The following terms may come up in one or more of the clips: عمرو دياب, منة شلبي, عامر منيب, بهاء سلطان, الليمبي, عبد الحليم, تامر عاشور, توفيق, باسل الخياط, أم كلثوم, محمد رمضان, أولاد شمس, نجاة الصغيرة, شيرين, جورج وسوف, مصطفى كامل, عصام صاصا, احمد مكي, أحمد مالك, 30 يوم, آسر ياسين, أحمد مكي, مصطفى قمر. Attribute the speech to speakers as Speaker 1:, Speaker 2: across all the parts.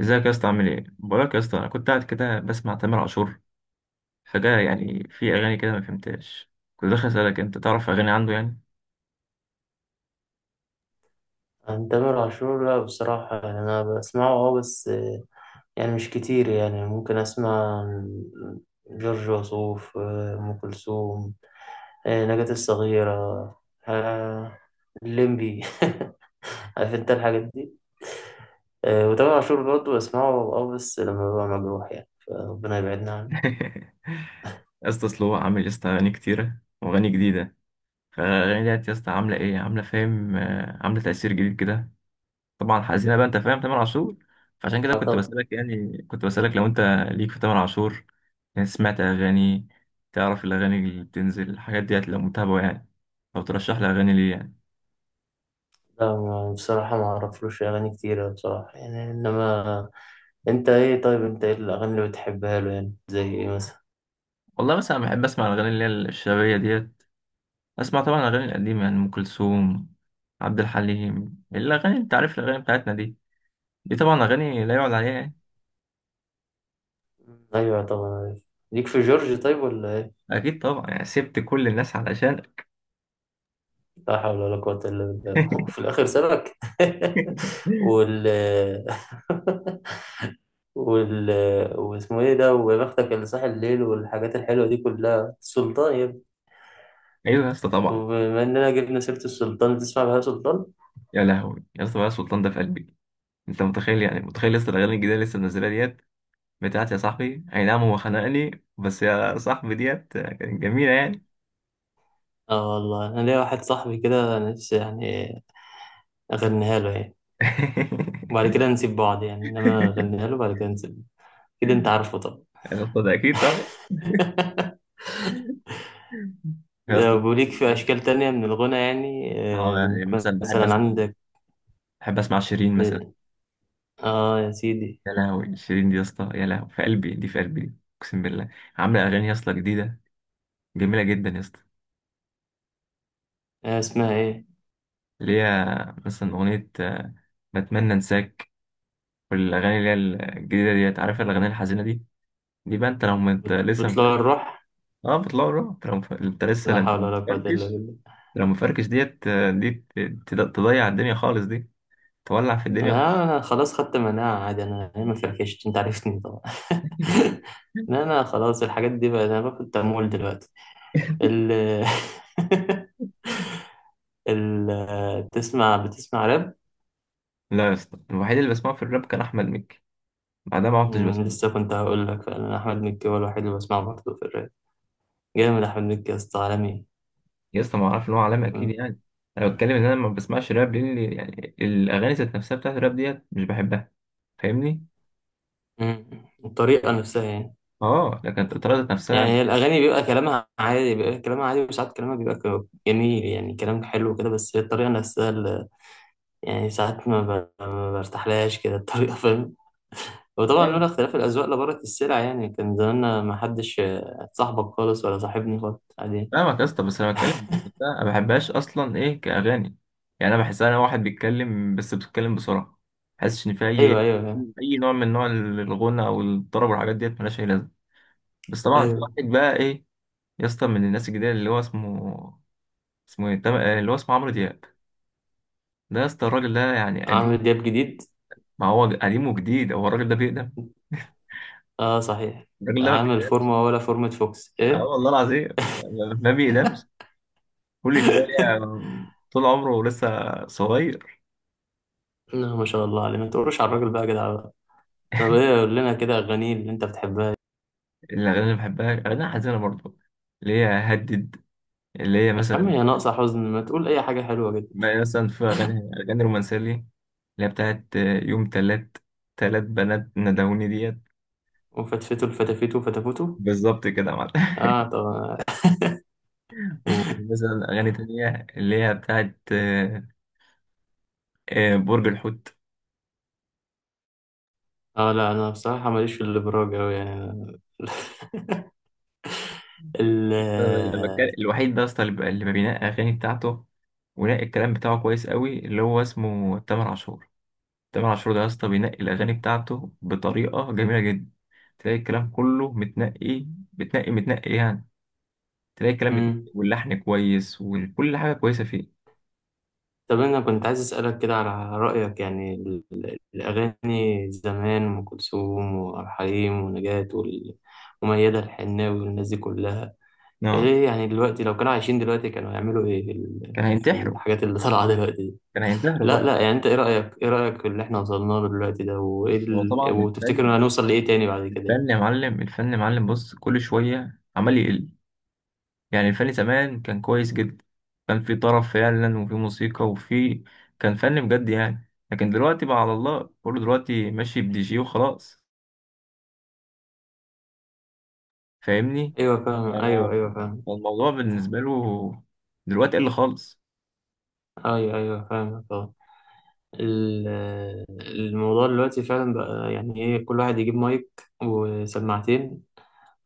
Speaker 1: ازيك يا اسطى؟ عامل ايه؟ بقولك يا اسطى، انا كنت قاعد كده بسمع تامر عاشور، فجأة يعني في اغاني كده ما فهمتهاش. كنت داخل اسالك، انت تعرف اغاني عنده يعني؟
Speaker 2: عن تامر عاشور، لا بصراحة، يعني أنا بسمعه بس، يعني مش كتير. يعني ممكن أسمع عن جورج وسوف، أم كلثوم، نجاة الصغيرة، آه، الليمبي. عارف أنت الحاجات دي. وتامر عاشور برضه بسمعه بس لما ببقى مجروح، يعني فربنا يبعدنا عنه.
Speaker 1: يا اسطى اصل هو عامل يا اسطى اغاني كتيره واغاني جديده، فالاغاني ديت يا اسطى عامله ايه؟ عامله فاهم عامله تاثير جديد كده. طبعا حزينه بقى، انت فاهم تامر عاشور. فعشان كده كنت
Speaker 2: طب.
Speaker 1: بسالك، يعني كنت بسالك لو انت ليك في تامر عاشور، يعني سمعت اغاني، تعرف الاغاني اللي بتنزل الحاجات ديت، لو متابعه يعني، لو ترشح لي اغاني ليه يعني.
Speaker 2: لا، بصراحة ما أعرفلوش أغاني كتيرة بصراحة، يعني. إنما أنت إيه الأغاني اللي بتحبها له؟ يعني زي إيه مثلا؟
Speaker 1: والله مثلا بحب اسمع الاغاني اللي هي الشبابيه ديت، اسمع طبعا الاغاني القديمه يعني ام كلثوم، عبد الحليم، الاغاني انت عارف الاغاني بتاعتنا دي، دي طبعا اغاني لا يعلى عليها يعني.
Speaker 2: ايوه طبعا، عارف. ليك في جورج طيب ولا ايه؟
Speaker 1: اكيد طبعا يعني سبت كل الناس علشان.
Speaker 2: لا حول ولا قوة الا بالله. في الاخر سابك. وال وال واسمه ايه ده؟ ويا بختك اللي صاحي الليل والحاجات الحلوة دي كلها، السلطان يا ابني.
Speaker 1: ايوه يا اسطى طبعا.
Speaker 2: وبما اننا جبنا سيرة السلطان، تسمع بهاء سلطان؟
Speaker 1: يا لهوي يا اسطى، بقى سلطان ده في قلبي. انت متخيل؟ يعني متخيل لسه الاغاني الجديده اللي لسه منزلها ديت، بتاعت يا صاحبي، اي نعم هو خنقني بس يا صاحبي ديت كانت جميله يعني.
Speaker 2: اه والله انا ليا واحد صاحبي كده، أنا نفسي يعني اغنيها له يعني، وبعد كده نسيب بعض يعني. انما اغنيها له بعد كده نسيب كده، انت عارفه طبعا.
Speaker 1: يا اسطى ده اكيد طبعا. يا اسطى
Speaker 2: لو ليك في أشكال تانية من الغنى يعني؟
Speaker 1: اه،
Speaker 2: آه،
Speaker 1: يعني مثلا بحب
Speaker 2: مثلا
Speaker 1: اسمع،
Speaker 2: عندك.
Speaker 1: بحب اسمع شيرين مثلا.
Speaker 2: آه. آه يا سيدي.
Speaker 1: يا لهوي شيرين دي يا اسطى، يا لهوي في قلبي دي، في قلبي دي. اقسم بالله، عامله اغاني يا اسطى جديده، جميله جدا يا اسطى.
Speaker 2: آه، اسمها إيه؟
Speaker 1: اللي هي مثلا اغنيه بتمنى انساك، والاغاني اللي هي الجديده ديت، عارف الاغاني الحزينه دي، دي بقى انت لو ما انت لسه مفركش.
Speaker 2: بتطلع الروح.
Speaker 1: اه بتطلع روح، انت لو انت لسه، لا
Speaker 2: لا
Speaker 1: انت
Speaker 2: حول ولا قوة إلا
Speaker 1: مفركش،
Speaker 2: بالله.
Speaker 1: لو مفركش ديت تضيع الدنيا خالص دي، تولع في الدنيا خالص.
Speaker 2: أنا خلاص خدت مناعة، عادي. أنا ما فركشت، أنت عرفتني طبعا. لا، أنا خلاص الحاجات دي بقى، أنا باخد تمويل دلوقتي. ال ال آه، بتسمع راب؟
Speaker 1: لا يا اسطى، الوحيد اللي بسمعه في الراب كان احمد مكي، بعدها ما عدتش بسمع.
Speaker 2: لسه كنت هقول لك، أنا أحمد مكي هو الوحيد اللي بسمعه برضه في الراب. جامد أحمد مكي يا أسطى، عالمي.
Speaker 1: يا اسطى ما اعرف ان هو عالمي، اكيد يعني. انا بتكلم ان انا ما بسمعش راب لان يعني الاغاني ذات نفسها بتاعت الراب ديت مش بحبها، فاهمني.
Speaker 2: مم. الطريقة نفسها يعني.
Speaker 1: اه لكن الطريقه ذات
Speaker 2: يعني
Speaker 1: نفسها.
Speaker 2: هي الأغاني بيبقى كلامها عادي، بيبقى كلامها عادي، وساعات كلامها بيبقى جميل، يعني كلام حلو كده، بس هي الطريقة نفسها اللي... يعني ساعات ما برتاحلهاش كده الطريقة. فاهم؟ وطبعا
Speaker 1: أيوة.
Speaker 2: لولا اختلاف الأذواق لبارت السلع، يعني كان زماننا ما حدش صاحبك خالص، ولا صاحبني خالص، عادي.
Speaker 1: فاهمك يا اسطى، بس انا بتكلم إن نفسها ما بحبهاش اصلا ايه كاغاني. يعني انا بحسها انا واحد بيتكلم، بس بيتكلم بسرعه، ما بحسش ان في اي،
Speaker 2: أيوه أيوه فاهم.
Speaker 1: اي نوع من نوع الغنى او الطرب والحاجات ديت ملهاش اي لازمه. بس طبعا في
Speaker 2: أيوه.
Speaker 1: واحد بقى ايه، يا اسطى من الناس الجديده اللي هو اسمه، اسمه ايه، اللي هو اسمه عمرو دياب. ده يا اسطى الراجل ده يعني قديم،
Speaker 2: عامل دياب جديد.
Speaker 1: ما هو قديم وجديد، هو الراجل ده بيقدم،
Speaker 2: أه صحيح.
Speaker 1: الراجل ده ما
Speaker 2: عامل
Speaker 1: بيقدمش.
Speaker 2: فورمة ولا فورمة فوكس
Speaker 1: اه
Speaker 2: إيه؟
Speaker 1: والله العظيم يعني ما بيقدمش، كل شويه طول عمره لسه صغير.
Speaker 2: لا، ما شاء الله عليه، ما تقولش على الراجل بقى يا جدع. طب ايه، قول لنا كده اغاني اللي انت بتحبها.
Speaker 1: الاغاني اللي بحبها اغاني حزينه برضه، اللي هي هدد، اللي هي
Speaker 2: يا عم
Speaker 1: مثلا،
Speaker 2: يا ناقصه حزن، ما تقول اي حاجه حلوه جدا.
Speaker 1: مثلا في اغاني، اغاني رومانسيه ليه اللي هي بتاعت يوم تلات، تلات بنات ندهوني ديت.
Speaker 2: وفتفتو الفتافيتو فتافوتو.
Speaker 1: بالظبط كده يا معلم.
Speaker 2: اه طب.
Speaker 1: ومثلا اغاني تانية اللي هي بتاعت برج الحوت.
Speaker 2: اه لا، انا بصراحه ماليش في الابراج اوي يعني. ال
Speaker 1: الوحيد ده اصلا اللي ما بينقي اغاني بتاعته، ونقي الكلام بتاعه كويس قوي، اللي هو اسمه تامر عاشور. تامر عاشور ده يا اسطى بينقي الاغاني بتاعته بطريقه جميله جدا، تلاقي الكلام كله متنقي، متنقي يعني، تلاقي الكلام متنقي
Speaker 2: مم.
Speaker 1: واللحن كويس وكل حاجه كويسه فيه.
Speaker 2: طب انا كنت عايز اسالك كده على رايك، يعني الاغاني زمان، ام كلثوم وعبد الحليم ونجاة وميادة الحناوي والناس دي كلها،
Speaker 1: اه
Speaker 2: ايه يعني؟ دلوقتي لو كانوا عايشين دلوقتي كانوا هيعملوا ايه في
Speaker 1: كان
Speaker 2: في
Speaker 1: هينتحره،
Speaker 2: الحاجات اللي طالعه دلوقتي دي؟
Speaker 1: كان هينتحره
Speaker 2: لا
Speaker 1: طبعا.
Speaker 2: لا يعني انت ايه رأيك في اللي احنا وصلنا له دلوقتي ده، وايه
Speaker 1: بص هو طبعا
Speaker 2: وتفتكر
Speaker 1: الفن،
Speaker 2: إن هنوصل لايه تاني بعد كده يعني؟
Speaker 1: الفن يا معلم، الفن يا معلم بص كل شويه عمال يقل. يعني الفن زمان كان كويس جدا، كان في طرب فعلا وفي موسيقى وفي، كان فن بجد يعني، لكن دلوقتي بقى على الله، كله دلوقتي ماشي بدي جي وخلاص، فاهمني.
Speaker 2: ايوه فاهم، ايوه
Speaker 1: أنا-
Speaker 2: ايوه فاهم.
Speaker 1: فالموضوع بالنسبة له دلوقتي قل خالص.
Speaker 2: ايوه ايوه فاهم، اه. ال- الموضوع دلوقتي فعلا بقى، يعني ايه، كل واحد يجيب مايك وسماعتين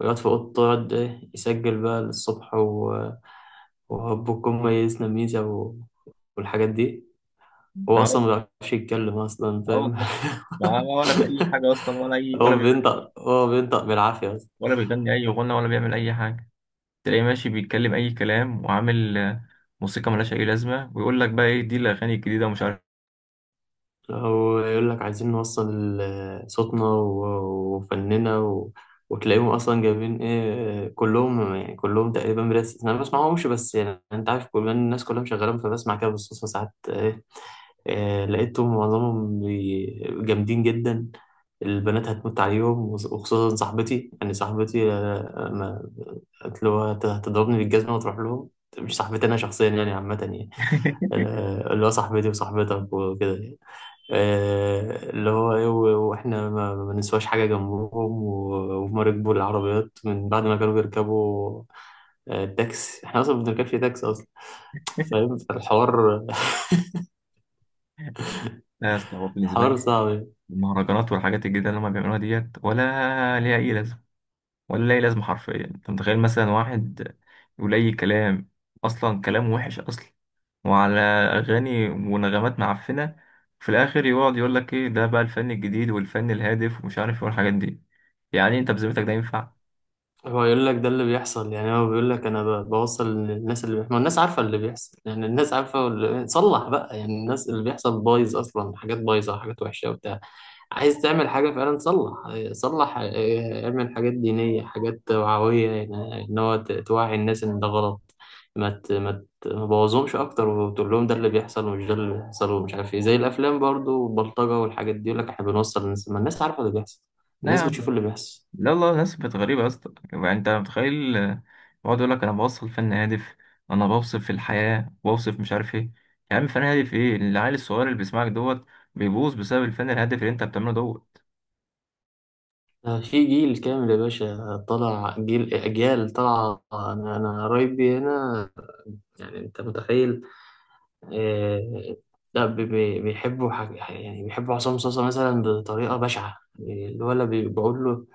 Speaker 2: ويقعد في اوضته، يقعد ايه، يسجل بقى للصبح وهبكم ميزنا ميزة والحاجات دي. هو
Speaker 1: اه
Speaker 2: اصلا ما بيعرفش يتكلم اصلا،
Speaker 1: اه
Speaker 2: فاهم؟
Speaker 1: والله، ما ولا في أي حاجة أصلا، ولا أي ولا بي...
Speaker 2: هو بينطق بالعافية.
Speaker 1: ولا بيغني أي غنى ولا بيعمل أي حاجة، تلاقيه ماشي بيتكلم أي كلام وعامل موسيقى ملهاش أي لازمة، ويقول لك بقى إيه دي الأغاني الجديدة ومش عارف.
Speaker 2: أو يقول لك عايزين نوصل صوتنا وفننا وتلاقيهم أصلا جايبين إيه كلهم، يعني كلهم تقريبا بلا استثناء. أنا ما بسمعهمش، بس يعني أنت عارف، كل الناس كلها مشغلة، فبسمع كده بالصدفة ساعات إيه لقيتهم معظمهم جامدين جدا. البنات هتموت عليهم، وخصوصا صاحبتي، يعني صاحبتي، ما قالت له هتضربني بالجزمة وتروح لهم. مش صاحبتي أنا شخصيا يعني، عامة يعني، اللي هو صاحبتي وصاحبتك وكده يعني. اللي هو ايه، واحنا ما بنسواش حاجه جنبهم، وهما ركبوا العربيات من بعد ما كانوا بيركبوا التاكسي. احنا اصلا ما بنركبش تاكسي اصلا، فاهم الحوار؟
Speaker 1: لا يا اسطى، هو بالنسبة
Speaker 2: الحوار
Speaker 1: لي
Speaker 2: صعب.
Speaker 1: المهرجانات والحاجات الجديدة اللي هما بيعملوها ديت ولا ليها أي لازمة، ولا ليها أي لازمة حرفيا. أنت متخيل مثلا واحد يقول أي كلام، أصلا كلام وحش أصلا، وعلى أغاني ونغمات معفنة، في الآخر يقعد يقول لك إيه ده بقى الفن الجديد والفن الهادف ومش عارف إيه والحاجات دي. يعني أنت بذمتك ده ينفع؟
Speaker 2: هو يقول لك ده اللي بيحصل، يعني هو بيقول لك انا بوصل للناس اللي بيحصل. ما الناس عارفه اللي بيحصل، يعني الناس عارفه صلح بقى. يعني الناس اللي بيحصل بايظ اصلا، حاجات بايظه، حاجات وحشه وبتاع. عايز تعمل حاجه فعلا، صلح. صلح، اعمل حاجات دينيه، حاجات توعويه، يعني ان هو توعي الناس ان ده غلط، ما تبوظهمش اكتر. وتقول لهم ده اللي بيحصل، ومش ده اللي بيحصل، ومش عارف ايه، زي الافلام برضو، والبلطجه والحاجات دي، يقول لك احنا بنوصل للناس. ما الناس عارفه اللي بيحصل.
Speaker 1: لا يا
Speaker 2: الناس بتشوف
Speaker 1: عم،
Speaker 2: اللي بيحصل.
Speaker 1: لا والله الناس بقت غريبة يا اسطى. يعني انت متخيل بقعد يقول لك انا بوصل فن هادف، انا بوصف في الحياة بوصف مش عارف ايه. يا عم فن هادف ايه؟ العيل الصغير اللي بيسمعك دوت بيبوظ بسبب الفن الهادف اللي انت بتعمله دوت.
Speaker 2: في جيل كامل يا باشا طلع، جيل، أجيال طلع. أنا قرايبي هنا، يعني أنت متخيل؟ آه، لا بيحبوا حاجة، يعني بيحبوا عصام صاصا مثلا، بطريقة بشعة. الولد بيقول له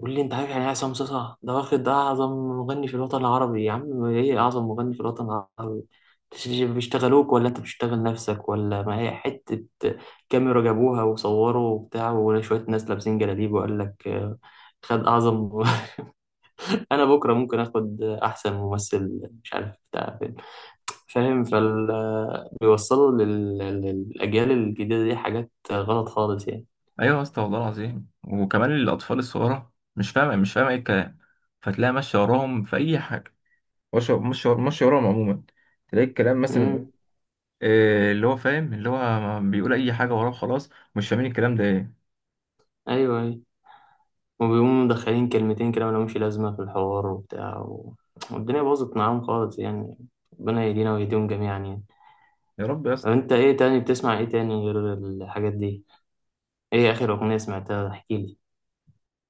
Speaker 2: قول لي انت عارف يعني ايه عصام صاصا ده؟ واخد ده اعظم مغني في الوطن العربي. يا عم ايه اعظم مغني في الوطن العربي؟ بيشتغلوك ولا انت بتشتغل نفسك، ولا ما هي حتة كاميرا جابوها وصوروا وبتاع، وشوية ناس لابسين جلاليب، وقال لك خد اعظم. انا بكرة ممكن اخد احسن ممثل مش عارف بتاع فين. فاهم؟ بيوصلوا للاجيال الجديدة دي حاجات غلط خالص يعني.
Speaker 1: ايوه يا اسطى والله العظيم، وكمان الاطفال الصغيرة مش فاهمة، مش فاهمة ايه الكلام، فتلاقي ماشية وراهم في اي حاجة. مش مش ماشية وراهم عموما، تلاقي الكلام مثلا
Speaker 2: امم
Speaker 1: إيه، اللي هو فاهم، اللي هو بيقول اي حاجة وراه خلاص، مش فاهمين الكلام ده ايه.
Speaker 2: ايوه أيوه. وبيقوموا مدخلين كلمتين كده ملهمش لازمة في الحوار وبتاع، والدنيا باظت معاهم خالص يعني. ربنا يهدينا ويهديهم جميعا يعني.
Speaker 1: يا رب يا
Speaker 2: طب
Speaker 1: اسطى.
Speaker 2: انت ايه تاني بتسمع، ايه تاني غير الحاجات دي؟ ايه اخر اغنية سمعتها؟ احكيلي.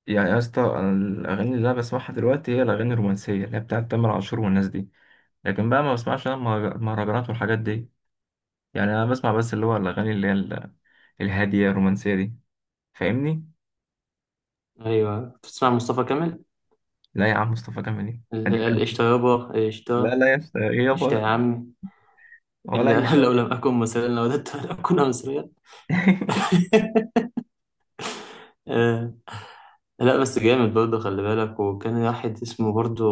Speaker 1: يعني يا اسطى أنا الاغاني اللي انا بسمعها دلوقتي هي الاغاني الرومانسيه اللي هي بتاعت تامر عاشور والناس دي، لكن بقى ما بسمعش انا المهرجانات والحاجات دي. يعني انا بسمع بس اللي هو الاغاني اللي هي الهاديه الرومانسيه دي، فاهمني.
Speaker 2: ايوه بتسمع مصطفى كامل؟
Speaker 1: لا يا عم مصطفى كامل ايه، قديم
Speaker 2: قشطة
Speaker 1: قوي.
Speaker 2: يابا،
Speaker 1: لا
Speaker 2: قشطة.
Speaker 1: لا يا اسطى إيه
Speaker 2: قشطة
Speaker 1: يابا،
Speaker 2: يا عمي.
Speaker 1: ولا اي
Speaker 2: لو
Speaker 1: حاجه.
Speaker 2: لم أكن مصريا لوددت أن أكون مصريا. آه، لا بس جامد برضه، خلي بالك. وكان واحد اسمه برضه،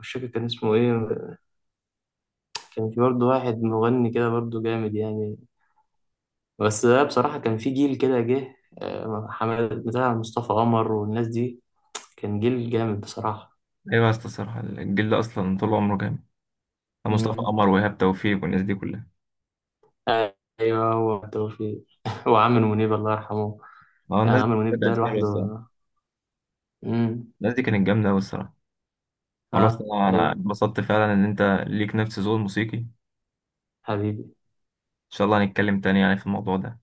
Speaker 2: مش فاكر كان اسمه ايه. كان في برضه واحد مغني كده برضه جامد يعني، بس ده بصراحة كان في جيل كده جه. حمد بتاع مصطفى قمر والناس دي، كان جيل جامد بصراحة.
Speaker 1: ايوه يا اسطى الصراحه الجيل ده اصلا طول عمره جامد، مصطفى
Speaker 2: مم.
Speaker 1: قمر وايهاب توفيق والناس دي كلها.
Speaker 2: أيوه، هو توفيق. وعامر منيب الله يرحمه.
Speaker 1: اه الناس
Speaker 2: عامر
Speaker 1: دي
Speaker 2: منيب ده
Speaker 1: كانت حلوه الصراحه،
Speaker 2: لوحده. مم.
Speaker 1: الناس دي كانت جامده قوي الصراحه. والله
Speaker 2: اه
Speaker 1: الصراحه انا
Speaker 2: أيوه
Speaker 1: اتبسطت فعلا ان انت ليك نفس ذوق موسيقي.
Speaker 2: حبيبي.
Speaker 1: شاء الله هنتكلم تاني يعني في الموضوع ده.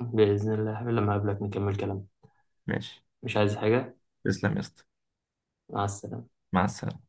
Speaker 2: بإذن الله لما أقابلك نكمل كلام.
Speaker 1: ماشي،
Speaker 2: مش عايز حاجة.
Speaker 1: تسلم يا اسطى،
Speaker 2: مع السلامة.
Speaker 1: مع السلامة.